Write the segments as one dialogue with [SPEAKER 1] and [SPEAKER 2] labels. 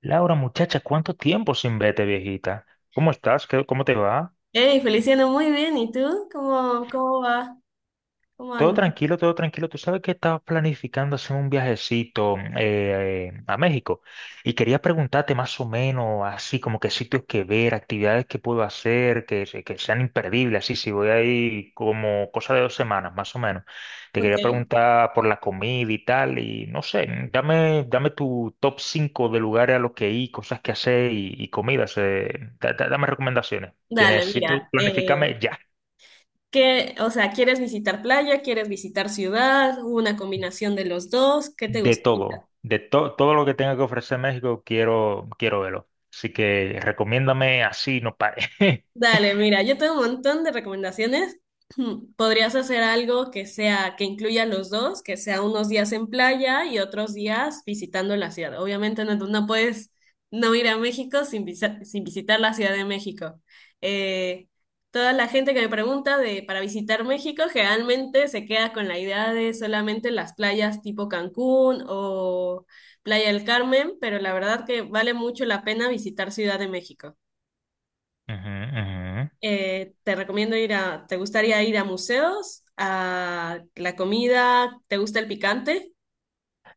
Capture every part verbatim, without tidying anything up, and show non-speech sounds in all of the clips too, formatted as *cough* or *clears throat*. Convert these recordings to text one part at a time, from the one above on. [SPEAKER 1] Laura, muchacha, ¿cuánto tiempo sin verte, viejita? ¿Cómo estás? ¿Qué- cómo te va?
[SPEAKER 2] Hey, Feliciano, muy bien. ¿Y tú? ¿Cómo, cómo va? ¿Cómo
[SPEAKER 1] Todo
[SPEAKER 2] andas?
[SPEAKER 1] tranquilo, todo tranquilo. Tú sabes que estaba planificando hacer un viajecito eh, a México y quería preguntarte más o menos así como qué sitios que ver, actividades que puedo hacer, que, se- que sean imperdibles, así si voy ahí como cosa de dos semanas más o menos. Te
[SPEAKER 2] Ok.
[SPEAKER 1] quería preguntar por la comida y tal y no sé, dame, dame tu top cinco de lugares a los que ir, cosas que hacer y, y comidas. eh, da- da- dame recomendaciones. Que
[SPEAKER 2] Dale,
[SPEAKER 1] necesito
[SPEAKER 2] mira, eh,
[SPEAKER 1] planificarme ya.
[SPEAKER 2] ¿qué, o sea, ¿quieres visitar playa? ¿Quieres visitar ciudad? ¿Una combinación de los dos? ¿Qué te
[SPEAKER 1] de
[SPEAKER 2] gusta?
[SPEAKER 1] todo, de to- todo lo que tenga que ofrecer México, quiero, quiero verlo. Así que recomiéndame así, no pare. *laughs*
[SPEAKER 2] Dale, mira, yo tengo un montón de recomendaciones. *clears throat* Podrías hacer algo que sea, que incluya los dos, que sea unos días en playa y otros días visitando la ciudad. Obviamente no, no puedes no ir a México sin, visa- sin visitar la Ciudad de México. Eh, toda la gente que me pregunta de para visitar México generalmente se queda con la idea de solamente las playas tipo Cancún o Playa del Carmen, pero la verdad que vale mucho la pena visitar Ciudad de México.
[SPEAKER 1] Ujú, ujú.
[SPEAKER 2] Eh, te recomiendo ir a, ¿te gustaría ir a museos? ¿A la comida? ¿Te gusta el picante?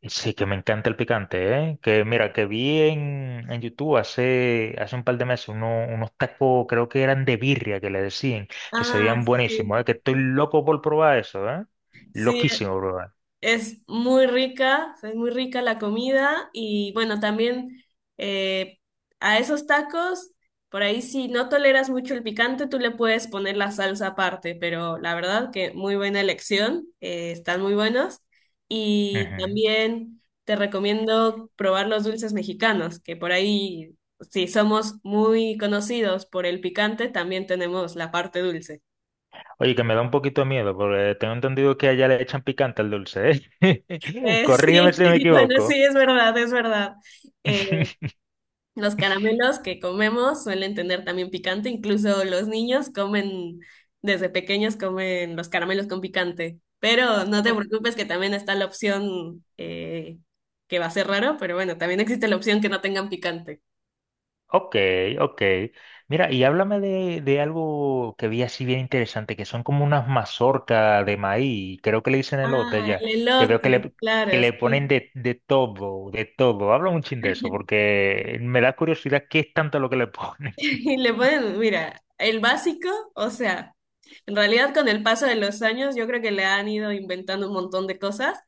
[SPEAKER 1] Y sí, que me encanta el picante, ¿eh? Que mira, que vi en, en YouTube hace, hace un par de meses uno- unos tacos, creo que eran de birria, que le decían, que se
[SPEAKER 2] Ah,
[SPEAKER 1] veían buenísimos,
[SPEAKER 2] sí.
[SPEAKER 1] ¿eh? Que estoy loco por probar eso, ¿eh?
[SPEAKER 2] Sí,
[SPEAKER 1] Loquísimo probar.
[SPEAKER 2] es muy rica, o sea, es muy rica la comida y bueno, también eh, a esos tacos, por ahí si no toleras mucho el picante, tú le puedes poner la salsa aparte, pero la verdad que muy buena elección, eh, están muy buenos y
[SPEAKER 1] Ujú.
[SPEAKER 2] también te recomiendo probar los dulces mexicanos, que por ahí si somos muy conocidos por el picante, también tenemos la parte dulce.
[SPEAKER 1] Oye, que me da un poquito de miedo, porque tengo entendido que allá le echan picante al dulce, ¿eh? *laughs*
[SPEAKER 2] Eh,
[SPEAKER 1] Corrígeme
[SPEAKER 2] sí,
[SPEAKER 1] si me
[SPEAKER 2] *laughs* bueno,
[SPEAKER 1] equivoco.
[SPEAKER 2] sí, es verdad, es verdad. Eh,
[SPEAKER 1] *laughs*
[SPEAKER 2] Los caramelos que comemos suelen tener también picante, incluso los niños comen, desde pequeños comen los caramelos con picante, pero no te
[SPEAKER 1] O-
[SPEAKER 2] preocupes que también está la opción eh, que va a ser raro, pero bueno, también existe la opción que no tengan picante.
[SPEAKER 1] Ok, ok. Mira, y háblame de, de algo que vi así bien interesante, que son como unas mazorcas de maíz, creo que le dicen elote
[SPEAKER 2] Ah,
[SPEAKER 1] ya,
[SPEAKER 2] el
[SPEAKER 1] que veo que
[SPEAKER 2] elote,
[SPEAKER 1] le,
[SPEAKER 2] claro,
[SPEAKER 1] que le ponen
[SPEAKER 2] sí.
[SPEAKER 1] de, de todo, de todo. Habla un chin de eso, porque me da curiosidad qué es tanto lo que le *laughs* ponen.
[SPEAKER 2] *laughs* Y le pueden mira, el básico, o sea, en realidad con el paso de los años yo creo que le han ido inventando un montón de cosas,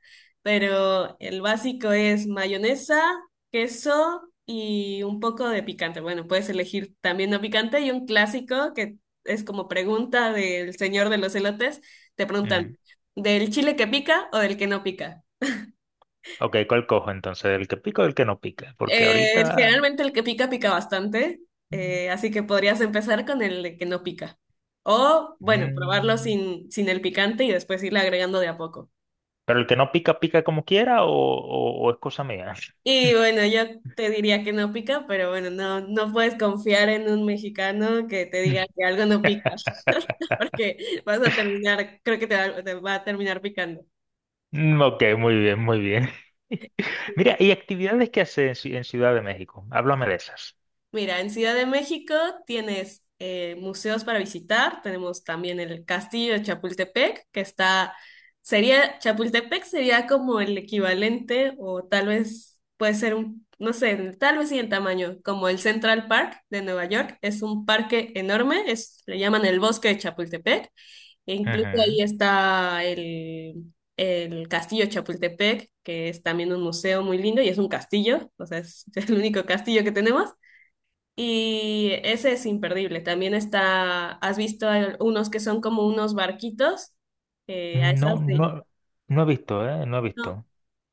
[SPEAKER 2] pero el básico es mayonesa, queso y un poco de picante. Bueno, puedes elegir también no picante y un clásico que es como pregunta del señor de los elotes, te preguntan,
[SPEAKER 1] Ujú.
[SPEAKER 2] ¿del chile que pica o del que no pica?
[SPEAKER 1] Ok, ¿cuál cojo entonces? ¿El que pica o el que no pica? Porque
[SPEAKER 2] Eh,
[SPEAKER 1] ahorita...
[SPEAKER 2] generalmente el que pica pica bastante,
[SPEAKER 1] mm,
[SPEAKER 2] eh, así que podrías empezar con el que no pica. O, bueno, probarlo sin, sin el picante y después irle agregando de a poco.
[SPEAKER 1] ¿pero el que no pica, pica como quiera o, o o es cosa mía?
[SPEAKER 2] Y bueno, yo te diría que no pica, pero bueno, no, no puedes confiar en un mexicano que te diga que algo no pica, *laughs*
[SPEAKER 1] *laughs*
[SPEAKER 2] porque vas a terminar, creo que te va, te va a terminar picando.
[SPEAKER 1] Mm, ok, muy bien, muy bien. *laughs* Mira, ¿y actividades que hace en, Ci- en Ciudad de México? Háblame de esas.
[SPEAKER 2] Mira, en Ciudad de México tienes eh, museos para visitar, tenemos también el Castillo de Chapultepec, que está, sería, Chapultepec sería como el equivalente, o tal vez puede ser un, no sé, tal vez sí en tamaño, como el Central Park de Nueva York, es un parque enorme, es, le llaman el Bosque de Chapultepec, e incluso ahí
[SPEAKER 1] Ujú.
[SPEAKER 2] está el, el Castillo de Chapultepec, que es también un museo muy lindo y es un castillo, o sea, es *laughs* el único castillo que tenemos. Y ese es imperdible. También está, ¿has visto al- unos que son como unos barquitos? Eh, a
[SPEAKER 1] No,
[SPEAKER 2] esas de...
[SPEAKER 1] no, no he visto, ¿eh? No he
[SPEAKER 2] No,
[SPEAKER 1] visto.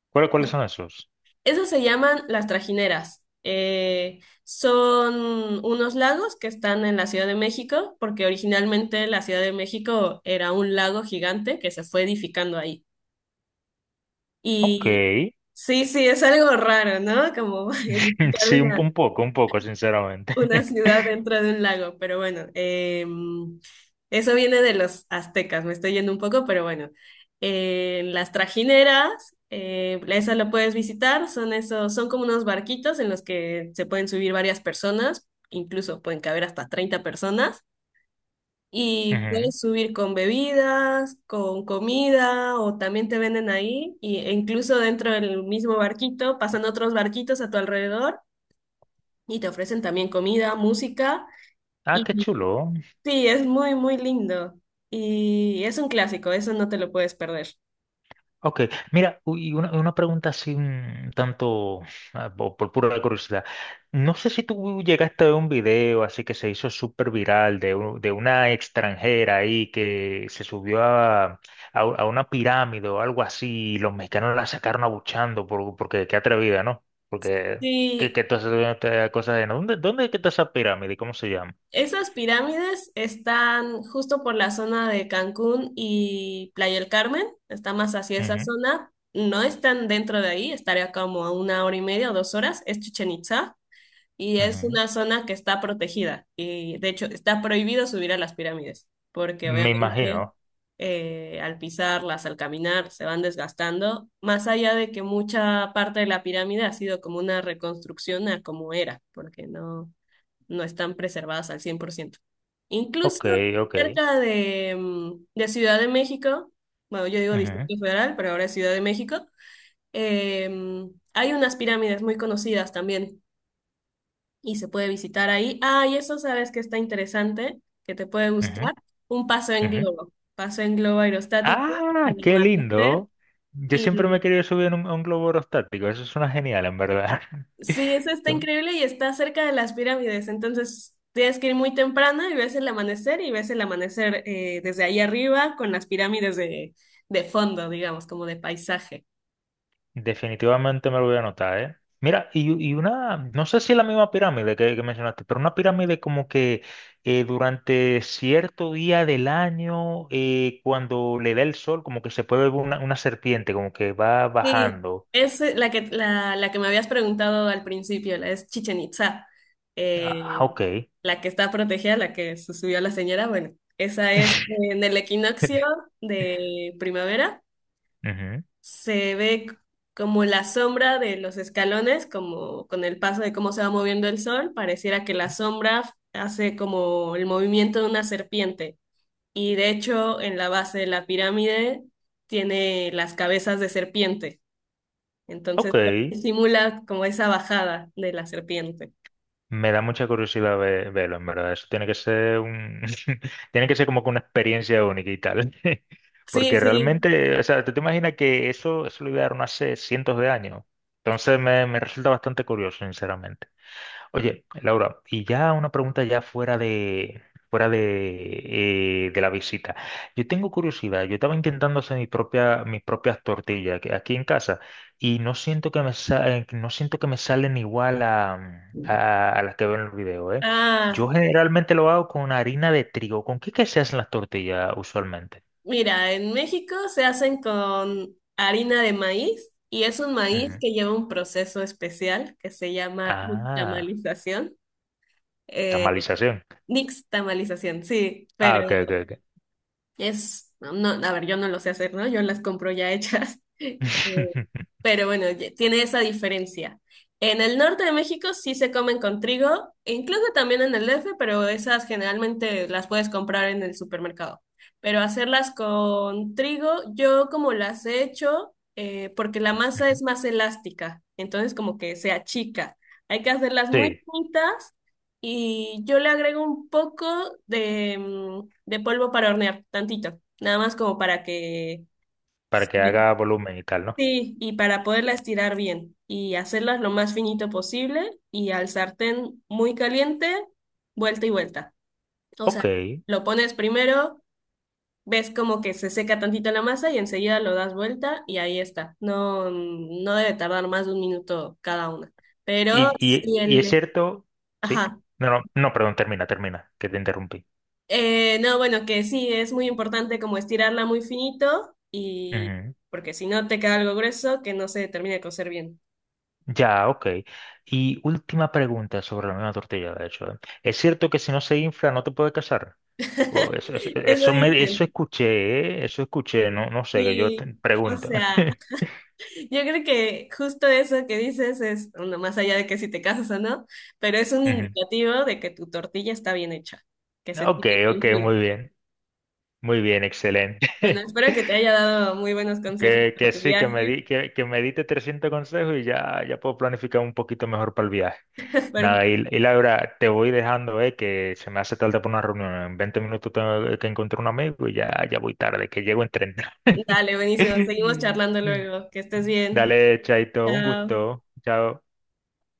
[SPEAKER 1] ¿Cuál-
[SPEAKER 2] no.
[SPEAKER 1] cuáles son esos?
[SPEAKER 2] Esas se llaman las trajineras. Eh, son unos lagos que están en la Ciudad de México, porque originalmente la Ciudad de México era un lago gigante que se fue edificando ahí.
[SPEAKER 1] Ok.
[SPEAKER 2] Y sí, sí, es algo raro, ¿no? Como *laughs*
[SPEAKER 1] *laughs*
[SPEAKER 2] edificar
[SPEAKER 1] Sí, un, po- un
[SPEAKER 2] una
[SPEAKER 1] poco, un poco, sinceramente.
[SPEAKER 2] Una
[SPEAKER 1] *laughs*
[SPEAKER 2] ciudad dentro de un lago, pero bueno, em, eso viene de los aztecas, me estoy yendo un poco, pero bueno. En las trajineras, eh, esa lo puedes visitar, son esos, son como unos barquitos en los que se pueden subir varias personas, incluso pueden caber hasta treinta personas, y
[SPEAKER 1] Ujú.
[SPEAKER 2] puedes subir con bebidas, con comida, o también te venden ahí, y, e incluso dentro del mismo barquito pasan otros barquitos a tu alrededor y te ofrecen también comida, música.
[SPEAKER 1] Ah, qué chulo.
[SPEAKER 2] Sí, es muy, muy lindo. Y es un clásico, eso no te lo puedes perder.
[SPEAKER 1] Ok, mira, u- y una, una pregunta así un tanto ah, po- por, pura curiosidad. No sé si tú llegaste a ver un video así que se hizo súper viral de, u- de una extranjera ahí que se subió a, a, u- a una pirámide o algo así y los mexicanos la sacaron abuchando por, porque qué atrevida, ¿no? Porque que,
[SPEAKER 2] Sí,
[SPEAKER 1] que tú haces cosas de ¿no? ¿dónde, dónde es que está esa pirámide? ¿Cómo se llama?
[SPEAKER 2] esas pirámides están justo por la zona de Cancún y Playa del Carmen, está más hacia esa
[SPEAKER 1] Ujú,
[SPEAKER 2] zona. No están dentro de ahí, estaría como a una hora y media o dos horas, es Chichen Itzá. Y es
[SPEAKER 1] ujú.
[SPEAKER 2] una zona que está protegida y de hecho está prohibido subir a las pirámides porque
[SPEAKER 1] Me
[SPEAKER 2] obviamente
[SPEAKER 1] imagino.
[SPEAKER 2] eh, al pisarlas, al caminar, se van desgastando, más allá de que mucha parte de la pirámide ha sido como una reconstrucción a como era, porque no, no están preservadas al cien por ciento. Incluso
[SPEAKER 1] Ok, ok.
[SPEAKER 2] cerca de, mm, de Ciudad de México, bueno, yo digo
[SPEAKER 1] Ujú,
[SPEAKER 2] Distrito Federal, pero ahora es Ciudad de México, em, hay unas pirámides muy conocidas también y se puede visitar ahí. Ah, y eso sabes que está interesante, que te puede
[SPEAKER 1] ujú,
[SPEAKER 2] gustar. Un paseo en
[SPEAKER 1] ujú.
[SPEAKER 2] globo, paseo en globo aerostático
[SPEAKER 1] Ah,
[SPEAKER 2] al
[SPEAKER 1] qué
[SPEAKER 2] amanecer.
[SPEAKER 1] lindo. Yo siempre me he
[SPEAKER 2] Y
[SPEAKER 1] querido subir en un, a un globo aerostático. Eso suena genial, en verdad. *laughs*
[SPEAKER 2] sí, eso está
[SPEAKER 1] Yo
[SPEAKER 2] increíble y está cerca de las pirámides. Entonces tienes que ir muy temprano y ves el amanecer y ves el amanecer eh, desde ahí arriba con las pirámides de, de fondo, digamos, como de paisaje.
[SPEAKER 1] definitivamente me lo voy a anotar, ¿eh? Mira, y, y una, no sé si es la misma pirámide que, que mencionaste, pero una pirámide como que eh, durante cierto día del año, eh, cuando le da el sol, como que se puede ver una, una serpiente, como que va
[SPEAKER 2] Sí,
[SPEAKER 1] bajando.
[SPEAKER 2] es eh, la que, la, la que me habías preguntado al principio, la es Chichen Itza,
[SPEAKER 1] Ah,
[SPEAKER 2] eh,
[SPEAKER 1] ok.
[SPEAKER 2] la que está protegida, la que se subió la señora. Bueno, esa es eh,
[SPEAKER 1] *laughs*
[SPEAKER 2] en el equinoccio de primavera.
[SPEAKER 1] Ujú.
[SPEAKER 2] Se ve c- como la sombra de los escalones, como con el paso de cómo se va moviendo el sol, pareciera que la sombra hace como el movimiento de una serpiente. Y de hecho, en la base de la pirámide tiene las cabezas de serpiente.
[SPEAKER 1] Ok,
[SPEAKER 2] Entonces, pues, simula como esa bajada de la serpiente.
[SPEAKER 1] me da mucha curiosidad ve- verlo, en verdad. Eso tiene que ser un... *laughs* tiene que ser como que una experiencia única y tal. *laughs*
[SPEAKER 2] Sí,
[SPEAKER 1] Porque
[SPEAKER 2] sí.
[SPEAKER 1] realmente, o sea, ¿tú te imaginas que eso, eso lo idearon hace cientos de años? Entonces me, me resulta bastante curioso, sinceramente. Oye, Laura, y ya una pregunta ya fuera de fuera de, eh, de la visita. Yo tengo curiosidad, yo estaba intentando hacer mi propia, mis propias tortillas que- aquí en casa y no siento que me sa- eh, no siento que me salen igual a, a, a las que veo en el video, ¿eh? Yo
[SPEAKER 2] Ah,
[SPEAKER 1] generalmente lo hago con harina de trigo. ¿Con qué que se hacen las tortillas usualmente?
[SPEAKER 2] mira, en México se hacen con harina de maíz y es un maíz
[SPEAKER 1] Ujú.
[SPEAKER 2] que lleva un proceso especial que se llama
[SPEAKER 1] Ah,
[SPEAKER 2] nixtamalización. Eh,
[SPEAKER 1] tamalización.
[SPEAKER 2] nixtamalización, sí, pero
[SPEAKER 1] Ah, ok, ok, ok.
[SPEAKER 2] es, no, a ver, yo no lo sé hacer, ¿no? Yo las compro ya hechas. *laughs* Eh,
[SPEAKER 1] *laughs*
[SPEAKER 2] Pero bueno, ye- tiene esa diferencia. En el norte de México sí se comen con trigo, e incluso también en el D F, pero esas generalmente las puedes comprar en el supermercado. Pero hacerlas con trigo, yo como las he hecho, eh, porque la masa
[SPEAKER 1] Ujú.
[SPEAKER 2] es más elástica, entonces como que se achica. Hay que hacerlas muy
[SPEAKER 1] Sí,
[SPEAKER 2] finitas y yo le agrego un poco de, mm, de polvo para hornear, tantito, nada más como para que...
[SPEAKER 1] para que
[SPEAKER 2] Sí,
[SPEAKER 1] haga volumen y tal, ¿no?
[SPEAKER 2] sí, y para poderla estirar bien y hacerlas lo más finito posible y al sartén muy caliente, vuelta y vuelta. O sea,
[SPEAKER 1] Ok.
[SPEAKER 2] lo pones primero, ves como que se seca tantito la masa y enseguida lo das vuelta y ahí está. No, mm, no debe tardar más de un minuto cada una. Pero
[SPEAKER 1] Y, y-
[SPEAKER 2] si
[SPEAKER 1] y es
[SPEAKER 2] el...
[SPEAKER 1] cierto, sí,
[SPEAKER 2] Ajá.
[SPEAKER 1] no, no, no, perdón, termina, termina, que te interrumpí.
[SPEAKER 2] Eh, no, bueno, que sí, es muy importante como estirarla muy finito y
[SPEAKER 1] Ujú.
[SPEAKER 2] porque si no te queda algo grueso que no se termina de cocer bien.
[SPEAKER 1] Ya, ok. Y última pregunta sobre la misma tortilla, de hecho. ¿Eh? ¿Es cierto que si no se infla no te puedes casar? O eso, eso,
[SPEAKER 2] *laughs* Eso
[SPEAKER 1] eso me, eso
[SPEAKER 2] dicen.
[SPEAKER 1] escuché, ¿eh? Eso escuché, no, no sé, que yo
[SPEAKER 2] Sí,
[SPEAKER 1] te
[SPEAKER 2] o
[SPEAKER 1] pregunto.
[SPEAKER 2] sea, yo creo que justo eso que dices es, bueno, más allá de que si te casas o no, pero es un
[SPEAKER 1] *laughs* Ujú.
[SPEAKER 2] indicativo de que tu tortilla está bien hecha, que se
[SPEAKER 1] Ok,
[SPEAKER 2] tiene que
[SPEAKER 1] ok,
[SPEAKER 2] inflar.
[SPEAKER 1] muy bien, muy bien,
[SPEAKER 2] Bueno,
[SPEAKER 1] excelente. *laughs*
[SPEAKER 2] espero que te haya dado muy buenos consejos
[SPEAKER 1] Que,
[SPEAKER 2] para
[SPEAKER 1] que
[SPEAKER 2] tu
[SPEAKER 1] sí, que me
[SPEAKER 2] viaje.
[SPEAKER 1] di, que, que me diste trescientos consejos y ya, ya puedo planificar un poquito mejor para el viaje.
[SPEAKER 2] *laughs*
[SPEAKER 1] Nada,
[SPEAKER 2] Perfecto.
[SPEAKER 1] y, y Laura, te voy dejando, eh, que se me hace tarde por una reunión. En veinte minutos tengo que encontrar un amigo y ya, ya voy tarde, que llego en treinta
[SPEAKER 2] Dale, buenísimo. Seguimos charlando
[SPEAKER 1] *laughs*
[SPEAKER 2] luego. Que estés bien.
[SPEAKER 1] Dale, Chaito, un
[SPEAKER 2] Chao.
[SPEAKER 1] gusto. Chao.